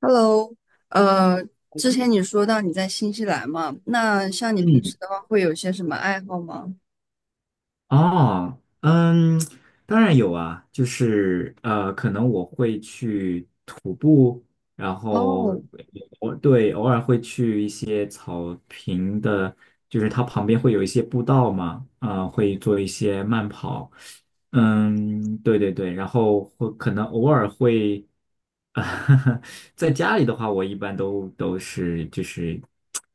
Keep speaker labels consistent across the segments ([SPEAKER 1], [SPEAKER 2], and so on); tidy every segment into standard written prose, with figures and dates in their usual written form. [SPEAKER 1] Hello，呃，之前你说到你在新西兰嘛，那像你平
[SPEAKER 2] 嗯，
[SPEAKER 1] 时的话，会有些什么爱好吗？
[SPEAKER 2] 哦，嗯，当然有啊，就是可能我会去徒步，然后
[SPEAKER 1] 哦，
[SPEAKER 2] 我对偶尔会去一些草坪的，就是它旁边会有一些步道嘛，啊、会做一些慢跑，嗯，对对对，然后会可能偶尔会，啊，在家里的话，我一般都是就是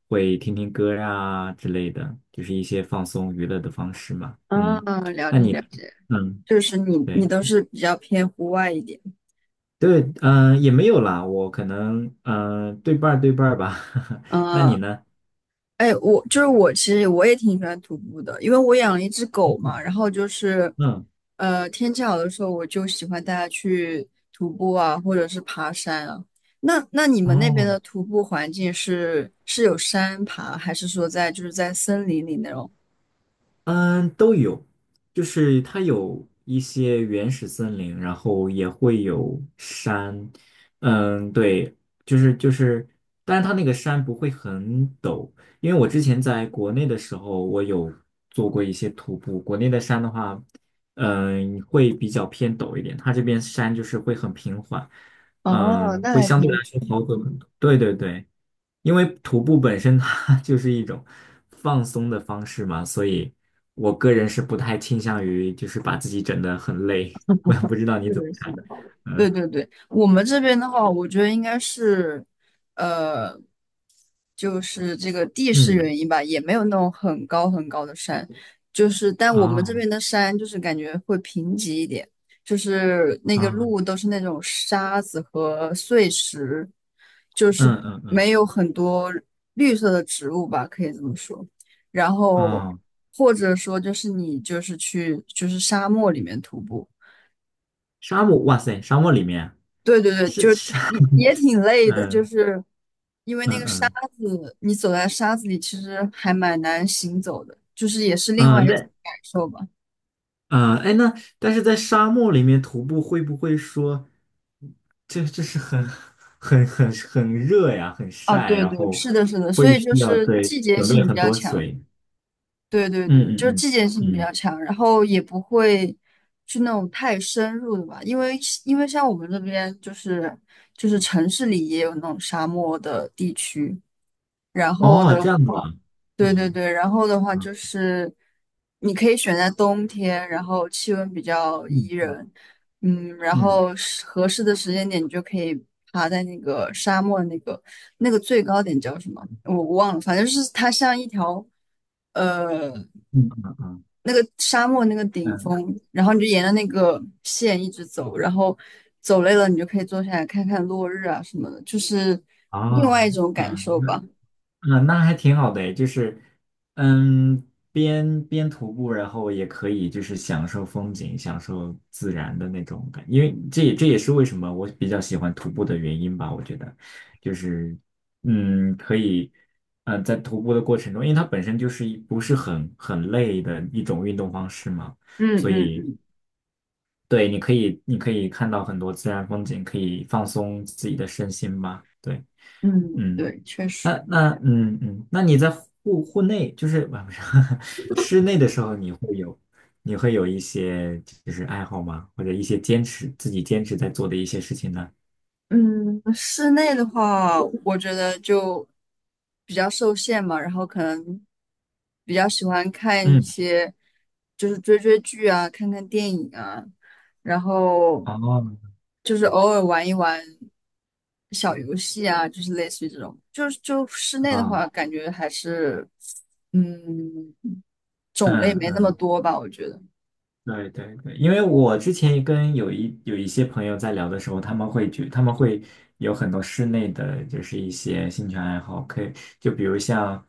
[SPEAKER 2] 会听听歌啊之类的，就是一些放松娱乐的方式嘛。
[SPEAKER 1] 啊，
[SPEAKER 2] 嗯
[SPEAKER 1] 了解了解，
[SPEAKER 2] 嗯，
[SPEAKER 1] 就是你
[SPEAKER 2] 对
[SPEAKER 1] 都是比较偏户外一点，
[SPEAKER 2] 对，也没有啦，我可能对半儿对半儿吧。那你
[SPEAKER 1] 嗯。
[SPEAKER 2] 呢？
[SPEAKER 1] 哎，我就是我，其实我也挺喜欢徒步的，因为我养了一只狗嘛。然后就是，
[SPEAKER 2] 嗯，
[SPEAKER 1] 天气好的时候，我就喜欢带它去徒步啊，或者是爬山啊。那你们那边
[SPEAKER 2] 哦，
[SPEAKER 1] 的徒步环境是有山爬，还是说在就是在森林里那种？
[SPEAKER 2] 嗯，都有，就是它有一些原始森林，然后也会有山，嗯，对，就是，但是它那个山不会很陡，因为我之前在国内的时候，我有做过一些徒步，国内的山的话，嗯，会比较偏陡一点，它这边山就是会很平缓，
[SPEAKER 1] 哦，
[SPEAKER 2] 嗯，
[SPEAKER 1] 那
[SPEAKER 2] 会
[SPEAKER 1] 还
[SPEAKER 2] 相对
[SPEAKER 1] 挺
[SPEAKER 2] 来说好走很多，对对对。因为徒步本身它 就是一种放松的方式嘛，所以我个人是不太倾向于就是把自己整得很累。我也不知道你
[SPEAKER 1] 是
[SPEAKER 2] 怎么
[SPEAKER 1] 的，是
[SPEAKER 2] 看。
[SPEAKER 1] 的，对
[SPEAKER 2] 嗯
[SPEAKER 1] 对对，我们这边的话，我觉得应该是，呃，就是这个地势
[SPEAKER 2] 嗯
[SPEAKER 1] 原因吧，也没有那种很高很高的山，就是但我们这
[SPEAKER 2] 哦
[SPEAKER 1] 边的山就是感觉会贫瘠一点，就是那个
[SPEAKER 2] 啊
[SPEAKER 1] 路都是那种沙子和碎石，就是
[SPEAKER 2] 嗯嗯嗯
[SPEAKER 1] 没有很多绿色的植物吧，可以这么说。然后
[SPEAKER 2] 哦，
[SPEAKER 1] 或者说就是你就是去就是沙漠里面徒步。
[SPEAKER 2] 沙漠哇塞，沙漠里面啊
[SPEAKER 1] 对对对，
[SPEAKER 2] 是
[SPEAKER 1] 就是
[SPEAKER 2] 沙
[SPEAKER 1] 也挺累的，就
[SPEAKER 2] 嗯
[SPEAKER 1] 是因为那
[SPEAKER 2] 嗯
[SPEAKER 1] 个沙
[SPEAKER 2] 嗯
[SPEAKER 1] 子，你走在沙子里，其实还蛮难行走的，就是也是另外
[SPEAKER 2] 嗯，
[SPEAKER 1] 一种
[SPEAKER 2] 对
[SPEAKER 1] 感受吧。
[SPEAKER 2] 啊，哎，那但是在沙漠里面徒步会不会说，这是很热呀，很
[SPEAKER 1] 啊，
[SPEAKER 2] 晒，
[SPEAKER 1] 对
[SPEAKER 2] 然
[SPEAKER 1] 对，
[SPEAKER 2] 后
[SPEAKER 1] 是的，是的，所
[SPEAKER 2] 会
[SPEAKER 1] 以就
[SPEAKER 2] 需要
[SPEAKER 1] 是季节
[SPEAKER 2] 准备
[SPEAKER 1] 性比
[SPEAKER 2] 很
[SPEAKER 1] 较
[SPEAKER 2] 多
[SPEAKER 1] 强，
[SPEAKER 2] 水。
[SPEAKER 1] 对对对，
[SPEAKER 2] 嗯
[SPEAKER 1] 就是
[SPEAKER 2] 嗯
[SPEAKER 1] 季节性比
[SPEAKER 2] 嗯嗯，
[SPEAKER 1] 较强，然后也不会去那种太深入的吧，因为像我们这边就是城市里也有那种沙漠的地区，然后
[SPEAKER 2] 哦，
[SPEAKER 1] 的
[SPEAKER 2] 这样子啊，
[SPEAKER 1] 话，对对
[SPEAKER 2] 嗯
[SPEAKER 1] 对，然后的话
[SPEAKER 2] 嗯
[SPEAKER 1] 就是你可以选在冬天，然后气温比较宜人，嗯，然
[SPEAKER 2] 嗯嗯
[SPEAKER 1] 后是合适的时间点，你就可以爬在那个沙漠那个最高点叫什么？我忘了，反正就是它像一条呃
[SPEAKER 2] 嗯嗯嗯，
[SPEAKER 1] 那个沙漠那个顶
[SPEAKER 2] 嗯
[SPEAKER 1] 峰，然后你就沿着那个线一直走，然后走累了你就可以坐下来看看落日啊什么的，就是
[SPEAKER 2] 啊，
[SPEAKER 1] 另外一种感
[SPEAKER 2] 嗯，
[SPEAKER 1] 受吧。
[SPEAKER 2] 嗯，那还挺好的诶，就是，嗯，边徒步，然后也可以就是享受风景，享受自然的那种感，因为这也是为什么我比较喜欢徒步的原因吧。我觉得，就是，嗯，可以，在徒步的过程中，因为它本身就是不是很累的一种运动方式嘛，
[SPEAKER 1] 嗯
[SPEAKER 2] 所
[SPEAKER 1] 嗯
[SPEAKER 2] 以
[SPEAKER 1] 嗯。
[SPEAKER 2] 对，你可以看到很多自然风景，可以放松自己的身心吧。对，
[SPEAKER 1] 嗯，
[SPEAKER 2] 嗯。
[SPEAKER 1] 对，确
[SPEAKER 2] 那
[SPEAKER 1] 实，
[SPEAKER 2] 那嗯嗯，那你在户内就是啊不是 室内的时候，你会有一些就是爱好吗？或者一些坚持自己坚持在做的一些事情呢？
[SPEAKER 1] 嗯，室内的话，我觉得就比较受限嘛，然后可能比较喜欢看一
[SPEAKER 2] 嗯，
[SPEAKER 1] 些，就是追追剧啊，看看电影啊，然后
[SPEAKER 2] 哦，
[SPEAKER 1] 就是偶尔玩一玩小游戏啊，就是类似于这种，就是就室内的
[SPEAKER 2] 啊，
[SPEAKER 1] 话，感觉还是，嗯，种类
[SPEAKER 2] 嗯
[SPEAKER 1] 没那么
[SPEAKER 2] 嗯，
[SPEAKER 1] 多吧，我觉得。
[SPEAKER 2] 对对对，因为我之前跟有一些朋友在聊的时候，他们会有很多室内的就是一些兴趣爱好，可以就比如像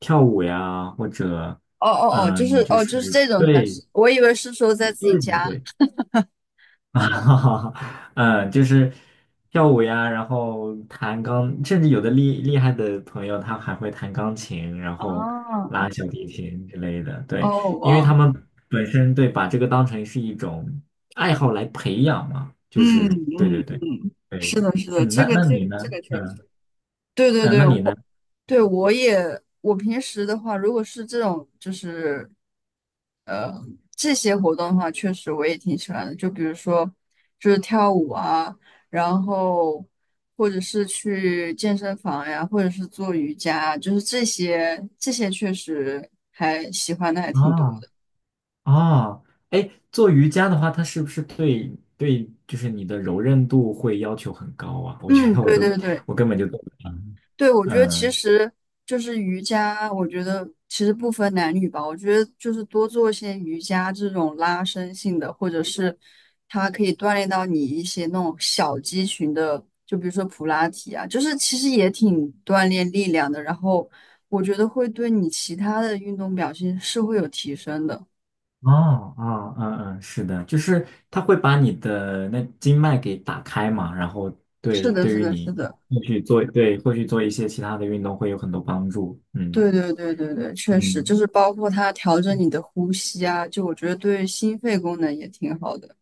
[SPEAKER 2] 跳舞呀，或者
[SPEAKER 1] 哦哦哦，就是
[SPEAKER 2] 嗯，就
[SPEAKER 1] 哦，
[SPEAKER 2] 是
[SPEAKER 1] 就是这种才是，我以为是说在
[SPEAKER 2] 对
[SPEAKER 1] 自己
[SPEAKER 2] 对
[SPEAKER 1] 家。
[SPEAKER 2] 对。啊，嗯，就是跳舞呀，然后甚至有的厉害的朋友，他还会弹钢琴，然后
[SPEAKER 1] 啊，
[SPEAKER 2] 拉小提琴之类的。对，
[SPEAKER 1] 哦，
[SPEAKER 2] 因为
[SPEAKER 1] 哇，
[SPEAKER 2] 他们本身把这个当成是一种爱好来培养嘛，就
[SPEAKER 1] 嗯
[SPEAKER 2] 是对
[SPEAKER 1] 嗯
[SPEAKER 2] 对对
[SPEAKER 1] 嗯，是
[SPEAKER 2] 对，
[SPEAKER 1] 的，是的，
[SPEAKER 2] 嗯，
[SPEAKER 1] 这
[SPEAKER 2] 那
[SPEAKER 1] 个
[SPEAKER 2] 那
[SPEAKER 1] 这
[SPEAKER 2] 你
[SPEAKER 1] 个
[SPEAKER 2] 呢？
[SPEAKER 1] 这个确
[SPEAKER 2] 嗯
[SPEAKER 1] 实，对对
[SPEAKER 2] 嗯，
[SPEAKER 1] 对，
[SPEAKER 2] 那你呢？
[SPEAKER 1] 我对我也，我平时的话，如果是这种就是这些活动的话，确实我也挺喜欢的，就比如说就是跳舞啊，然后或者是去健身房呀，或者是做瑜伽啊，就是这些确实还喜欢的还挺多
[SPEAKER 2] 哦
[SPEAKER 1] 的。
[SPEAKER 2] 哦，哎，做瑜伽的话，它是不是对对，就是你的柔韧度会要求很高啊？我觉
[SPEAKER 1] 嗯，
[SPEAKER 2] 得
[SPEAKER 1] 对对对，
[SPEAKER 2] 我根本就。
[SPEAKER 1] 对，我觉得其
[SPEAKER 2] 嗯，
[SPEAKER 1] 实就是瑜伽，我觉得其实不分男女吧。我觉得就是多做一些瑜伽这种拉伸性的，或者是它可以锻炼到你一些那种小肌群的，就比如说普拉提啊，就是其实也挺锻炼力量的。然后我觉得会对你其他的运动表现是会有提升的。
[SPEAKER 2] 哦哦，嗯嗯，是的，就是它会把你的那经脉给打开嘛，然后
[SPEAKER 1] 是的，
[SPEAKER 2] 对
[SPEAKER 1] 是
[SPEAKER 2] 于
[SPEAKER 1] 的，
[SPEAKER 2] 你
[SPEAKER 1] 是的。
[SPEAKER 2] 后续做一些其他的运动会有很多帮助。嗯
[SPEAKER 1] 对对对对对，确实就
[SPEAKER 2] 嗯，
[SPEAKER 1] 是包括它调整你的呼吸啊，就我觉得对心肺功能也挺好的。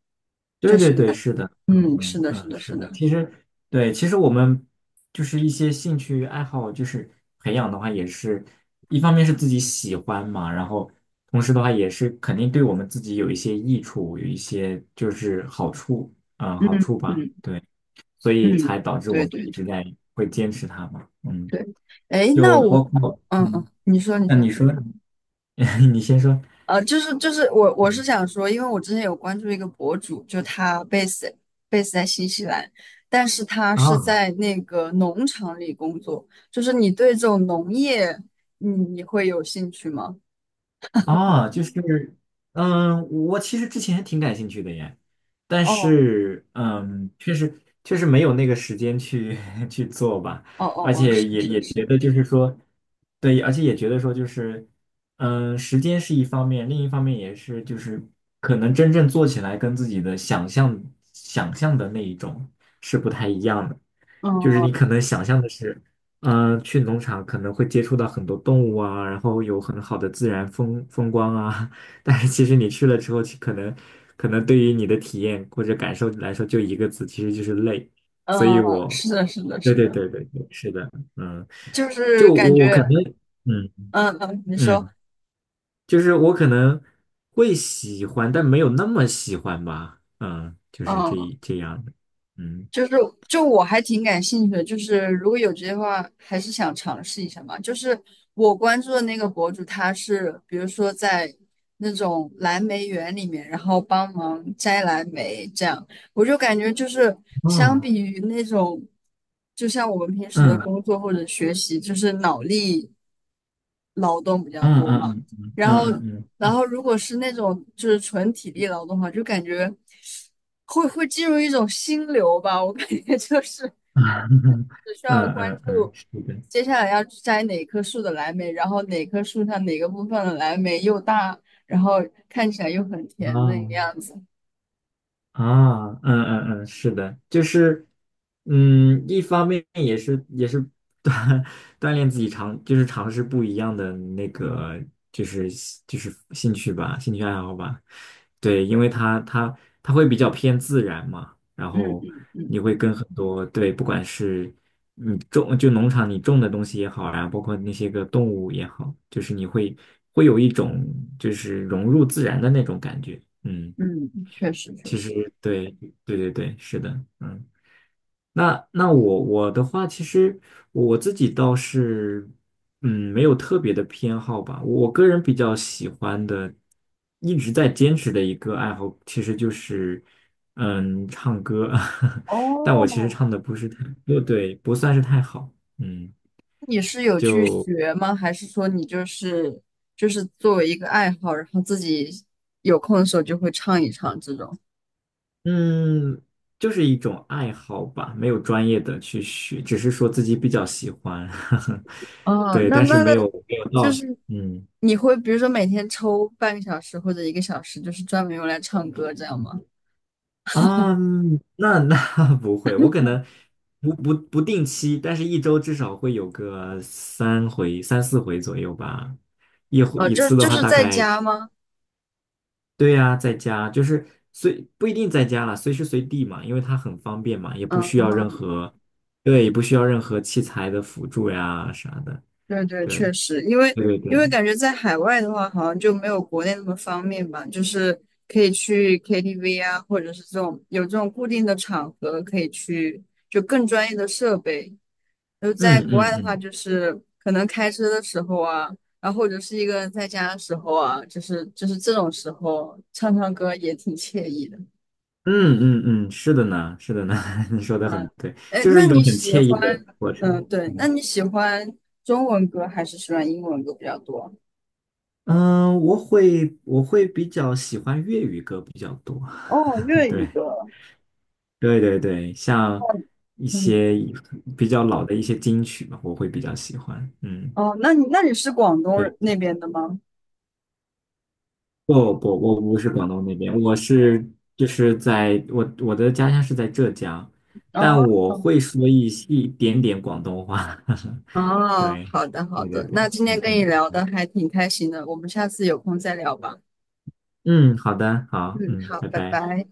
[SPEAKER 2] 对
[SPEAKER 1] 就
[SPEAKER 2] 对
[SPEAKER 1] 是，
[SPEAKER 2] 对，是的，嗯
[SPEAKER 1] 嗯，是
[SPEAKER 2] 嗯
[SPEAKER 1] 的，是
[SPEAKER 2] 嗯，
[SPEAKER 1] 的，
[SPEAKER 2] 是
[SPEAKER 1] 是
[SPEAKER 2] 的。
[SPEAKER 1] 的，
[SPEAKER 2] 其实我们就是一些兴趣爱好，就是培养的话，也是一方面是自己喜欢嘛，然后同时的话也是肯定对我们自己有一些益处，有一些就是好处，嗯，
[SPEAKER 1] 嗯
[SPEAKER 2] 好处吧。
[SPEAKER 1] 嗯
[SPEAKER 2] 对。所
[SPEAKER 1] 嗯，
[SPEAKER 2] 以才导致我
[SPEAKER 1] 对
[SPEAKER 2] 们
[SPEAKER 1] 对
[SPEAKER 2] 一直
[SPEAKER 1] 对
[SPEAKER 2] 会坚持它嘛。嗯，
[SPEAKER 1] 对，哎，那
[SPEAKER 2] 就
[SPEAKER 1] 我，
[SPEAKER 2] 包括
[SPEAKER 1] 嗯嗯，你说你
[SPEAKER 2] 那
[SPEAKER 1] 说，
[SPEAKER 2] 你说，你先说。
[SPEAKER 1] 就是我是
[SPEAKER 2] 嗯，
[SPEAKER 1] 想说，因为我之前有关注一个博主，就他 base 在新西兰，但是他是
[SPEAKER 2] 啊。
[SPEAKER 1] 在那个农场里工作，就是你对这种农业，你会有兴趣吗？
[SPEAKER 2] 啊，就是，嗯，我其实之前挺感兴趣的耶，但
[SPEAKER 1] 哦
[SPEAKER 2] 是，嗯，确实确实没有那个时间去 去做吧，
[SPEAKER 1] 哦
[SPEAKER 2] 而
[SPEAKER 1] 哦哦，
[SPEAKER 2] 且
[SPEAKER 1] 是
[SPEAKER 2] 也
[SPEAKER 1] 是
[SPEAKER 2] 也
[SPEAKER 1] 是，
[SPEAKER 2] 觉得就是说，对，而且也觉得说就是，嗯，时间是一方面，另一方面也是就是可能真正做起来跟自己的想象的那一种是不太一样的，就是你
[SPEAKER 1] 嗯
[SPEAKER 2] 可能想象的是。去农场可能会接触到很多动物啊，然后有很好的自然风光啊，但是其实你去了之后，其可能可能对于你的体验或者感受来说，就一个字，其实就是累。所以
[SPEAKER 1] 嗯，
[SPEAKER 2] 我，
[SPEAKER 1] 是的，是的，
[SPEAKER 2] 对
[SPEAKER 1] 是
[SPEAKER 2] 对
[SPEAKER 1] 的，
[SPEAKER 2] 对对对，是的，嗯，
[SPEAKER 1] 就是
[SPEAKER 2] 就
[SPEAKER 1] 感
[SPEAKER 2] 我可
[SPEAKER 1] 觉，
[SPEAKER 2] 能，嗯
[SPEAKER 1] 嗯嗯，你说。
[SPEAKER 2] 嗯，就是我可能会喜欢，但没有那么喜欢吧，嗯，就是这
[SPEAKER 1] 嗯
[SPEAKER 2] 一这样的，嗯，
[SPEAKER 1] 就是就我还挺感兴趣的，就是如果有机会的话，还是想尝试一下嘛。就是我关注的那个博主，他是比如说在那种蓝莓园里面，然后帮忙摘蓝莓这样，我就感觉就是相
[SPEAKER 2] 哦，
[SPEAKER 1] 比于那种，就像我们平时的
[SPEAKER 2] 嗯
[SPEAKER 1] 工作或者学习，就是脑力劳动比较
[SPEAKER 2] 嗯
[SPEAKER 1] 多
[SPEAKER 2] 嗯
[SPEAKER 1] 嘛。
[SPEAKER 2] 嗯嗯
[SPEAKER 1] 然后，
[SPEAKER 2] 嗯嗯嗯。
[SPEAKER 1] 然
[SPEAKER 2] 嗯
[SPEAKER 1] 后如果是那种就是纯体力劳动的话，就感觉会进入一种心流吧。我感觉就是
[SPEAKER 2] 嗯
[SPEAKER 1] 只需要关
[SPEAKER 2] 嗯嗯，
[SPEAKER 1] 注
[SPEAKER 2] 是的，
[SPEAKER 1] 接下来要去摘哪棵树的蓝莓，然后哪棵树上哪个部分的蓝莓又大，然后看起来又很甜那个
[SPEAKER 2] 哦，
[SPEAKER 1] 样子。
[SPEAKER 2] 啊，嗯嗯嗯，是的，就是，嗯，一方面也是 锻锻炼自己就是尝试不一样的那个，就是就是兴趣吧，兴趣爱好吧。对，因为它会比较偏自然嘛，然
[SPEAKER 1] 嗯
[SPEAKER 2] 后
[SPEAKER 1] 嗯嗯
[SPEAKER 2] 你会跟很多，对，不管是你种就农场你种的东西也好，然后包括那些个动物也好，就是你会有一种就是融入自然的那种感觉，嗯。
[SPEAKER 1] 嗯，确实确
[SPEAKER 2] 其实
[SPEAKER 1] 实。
[SPEAKER 2] 对对对对，是的，嗯，那我的话，其实我自己倒是，嗯，没有特别的偏好吧。我个人比较喜欢的，一直在坚持的一个爱好，其实就是，嗯，唱歌。但我其实
[SPEAKER 1] 哦，
[SPEAKER 2] 唱的不是太，对对，不算是太好，嗯。
[SPEAKER 1] 你是有去
[SPEAKER 2] 就。
[SPEAKER 1] 学吗？还是说你就是作为一个爱好，然后自己有空的时候就会唱一唱这种？
[SPEAKER 2] 嗯，就是一种爱好吧，没有专业的去学，只是说自己比较喜欢，呵呵
[SPEAKER 1] 哦，
[SPEAKER 2] 对，
[SPEAKER 1] 那
[SPEAKER 2] 但是
[SPEAKER 1] 那
[SPEAKER 2] 没
[SPEAKER 1] 那，
[SPEAKER 2] 有没有
[SPEAKER 1] 就
[SPEAKER 2] 到，
[SPEAKER 1] 是
[SPEAKER 2] 嗯
[SPEAKER 1] 你会比如说每天抽半个小时或者一个小时，就是专门用来唱歌这样吗？
[SPEAKER 2] 啊，那 不会，我可能不定期，但是一周至少会有个3回3、4回左右吧，一回
[SPEAKER 1] 哦，
[SPEAKER 2] 一
[SPEAKER 1] 就
[SPEAKER 2] 次的
[SPEAKER 1] 就
[SPEAKER 2] 话
[SPEAKER 1] 是
[SPEAKER 2] 大
[SPEAKER 1] 在
[SPEAKER 2] 概，
[SPEAKER 1] 家吗？
[SPEAKER 2] 对呀，在家就是不一定在家了，随时随地嘛，因为它很方便嘛，也不需
[SPEAKER 1] 嗯，
[SPEAKER 2] 要任何，对，也不需要任何器材的辅助呀啥的。
[SPEAKER 1] 对对，
[SPEAKER 2] 对
[SPEAKER 1] 确实，因为
[SPEAKER 2] 对对对，
[SPEAKER 1] 感觉在海外的话，好像就没有国内那么方便吧，就是可以去 KTV 啊，或者是这种有这种固定的场合可以去，就更专业的设备，就在
[SPEAKER 2] 嗯
[SPEAKER 1] 国外
[SPEAKER 2] 嗯
[SPEAKER 1] 的话，
[SPEAKER 2] 嗯
[SPEAKER 1] 就是可能开车的时候啊，然后或者是一个人在家的时候啊，就是这种时候唱唱歌也挺惬意的。
[SPEAKER 2] 嗯嗯嗯，是的呢，是的呢，你说的
[SPEAKER 1] 嗯，
[SPEAKER 2] 很对，
[SPEAKER 1] 哎，
[SPEAKER 2] 就是
[SPEAKER 1] 那
[SPEAKER 2] 一
[SPEAKER 1] 你
[SPEAKER 2] 种很
[SPEAKER 1] 喜
[SPEAKER 2] 惬意的
[SPEAKER 1] 欢，
[SPEAKER 2] 过
[SPEAKER 1] 嗯，
[SPEAKER 2] 程。
[SPEAKER 1] 对，那
[SPEAKER 2] 嗯
[SPEAKER 1] 你喜欢中文歌还是喜欢英文歌比较多？
[SPEAKER 2] 嗯，我会比较喜欢粤语歌比较多，
[SPEAKER 1] 哦，粤 语
[SPEAKER 2] 对
[SPEAKER 1] 歌。
[SPEAKER 2] 对对对，
[SPEAKER 1] 哦，
[SPEAKER 2] 像一
[SPEAKER 1] 嗯，
[SPEAKER 2] 些比较老的一些金曲嘛，我会比较喜欢。嗯，
[SPEAKER 1] 哦，那你是广东
[SPEAKER 2] 对，
[SPEAKER 1] 人那边的吗？
[SPEAKER 2] 不不，我不是广东那边，就是在我的家乡是在浙江，但我
[SPEAKER 1] 哦，
[SPEAKER 2] 会说一点点广东话。
[SPEAKER 1] 哦，
[SPEAKER 2] 对，
[SPEAKER 1] 好的好
[SPEAKER 2] 对对
[SPEAKER 1] 的，
[SPEAKER 2] 对，
[SPEAKER 1] 那今天
[SPEAKER 2] 嗯
[SPEAKER 1] 跟你聊
[SPEAKER 2] 嗯
[SPEAKER 1] 的还挺开心的，我们下次有空再聊吧。
[SPEAKER 2] 嗯，好的，好，
[SPEAKER 1] 嗯，
[SPEAKER 2] 嗯，
[SPEAKER 1] 好，
[SPEAKER 2] 拜
[SPEAKER 1] 拜
[SPEAKER 2] 拜。
[SPEAKER 1] 拜。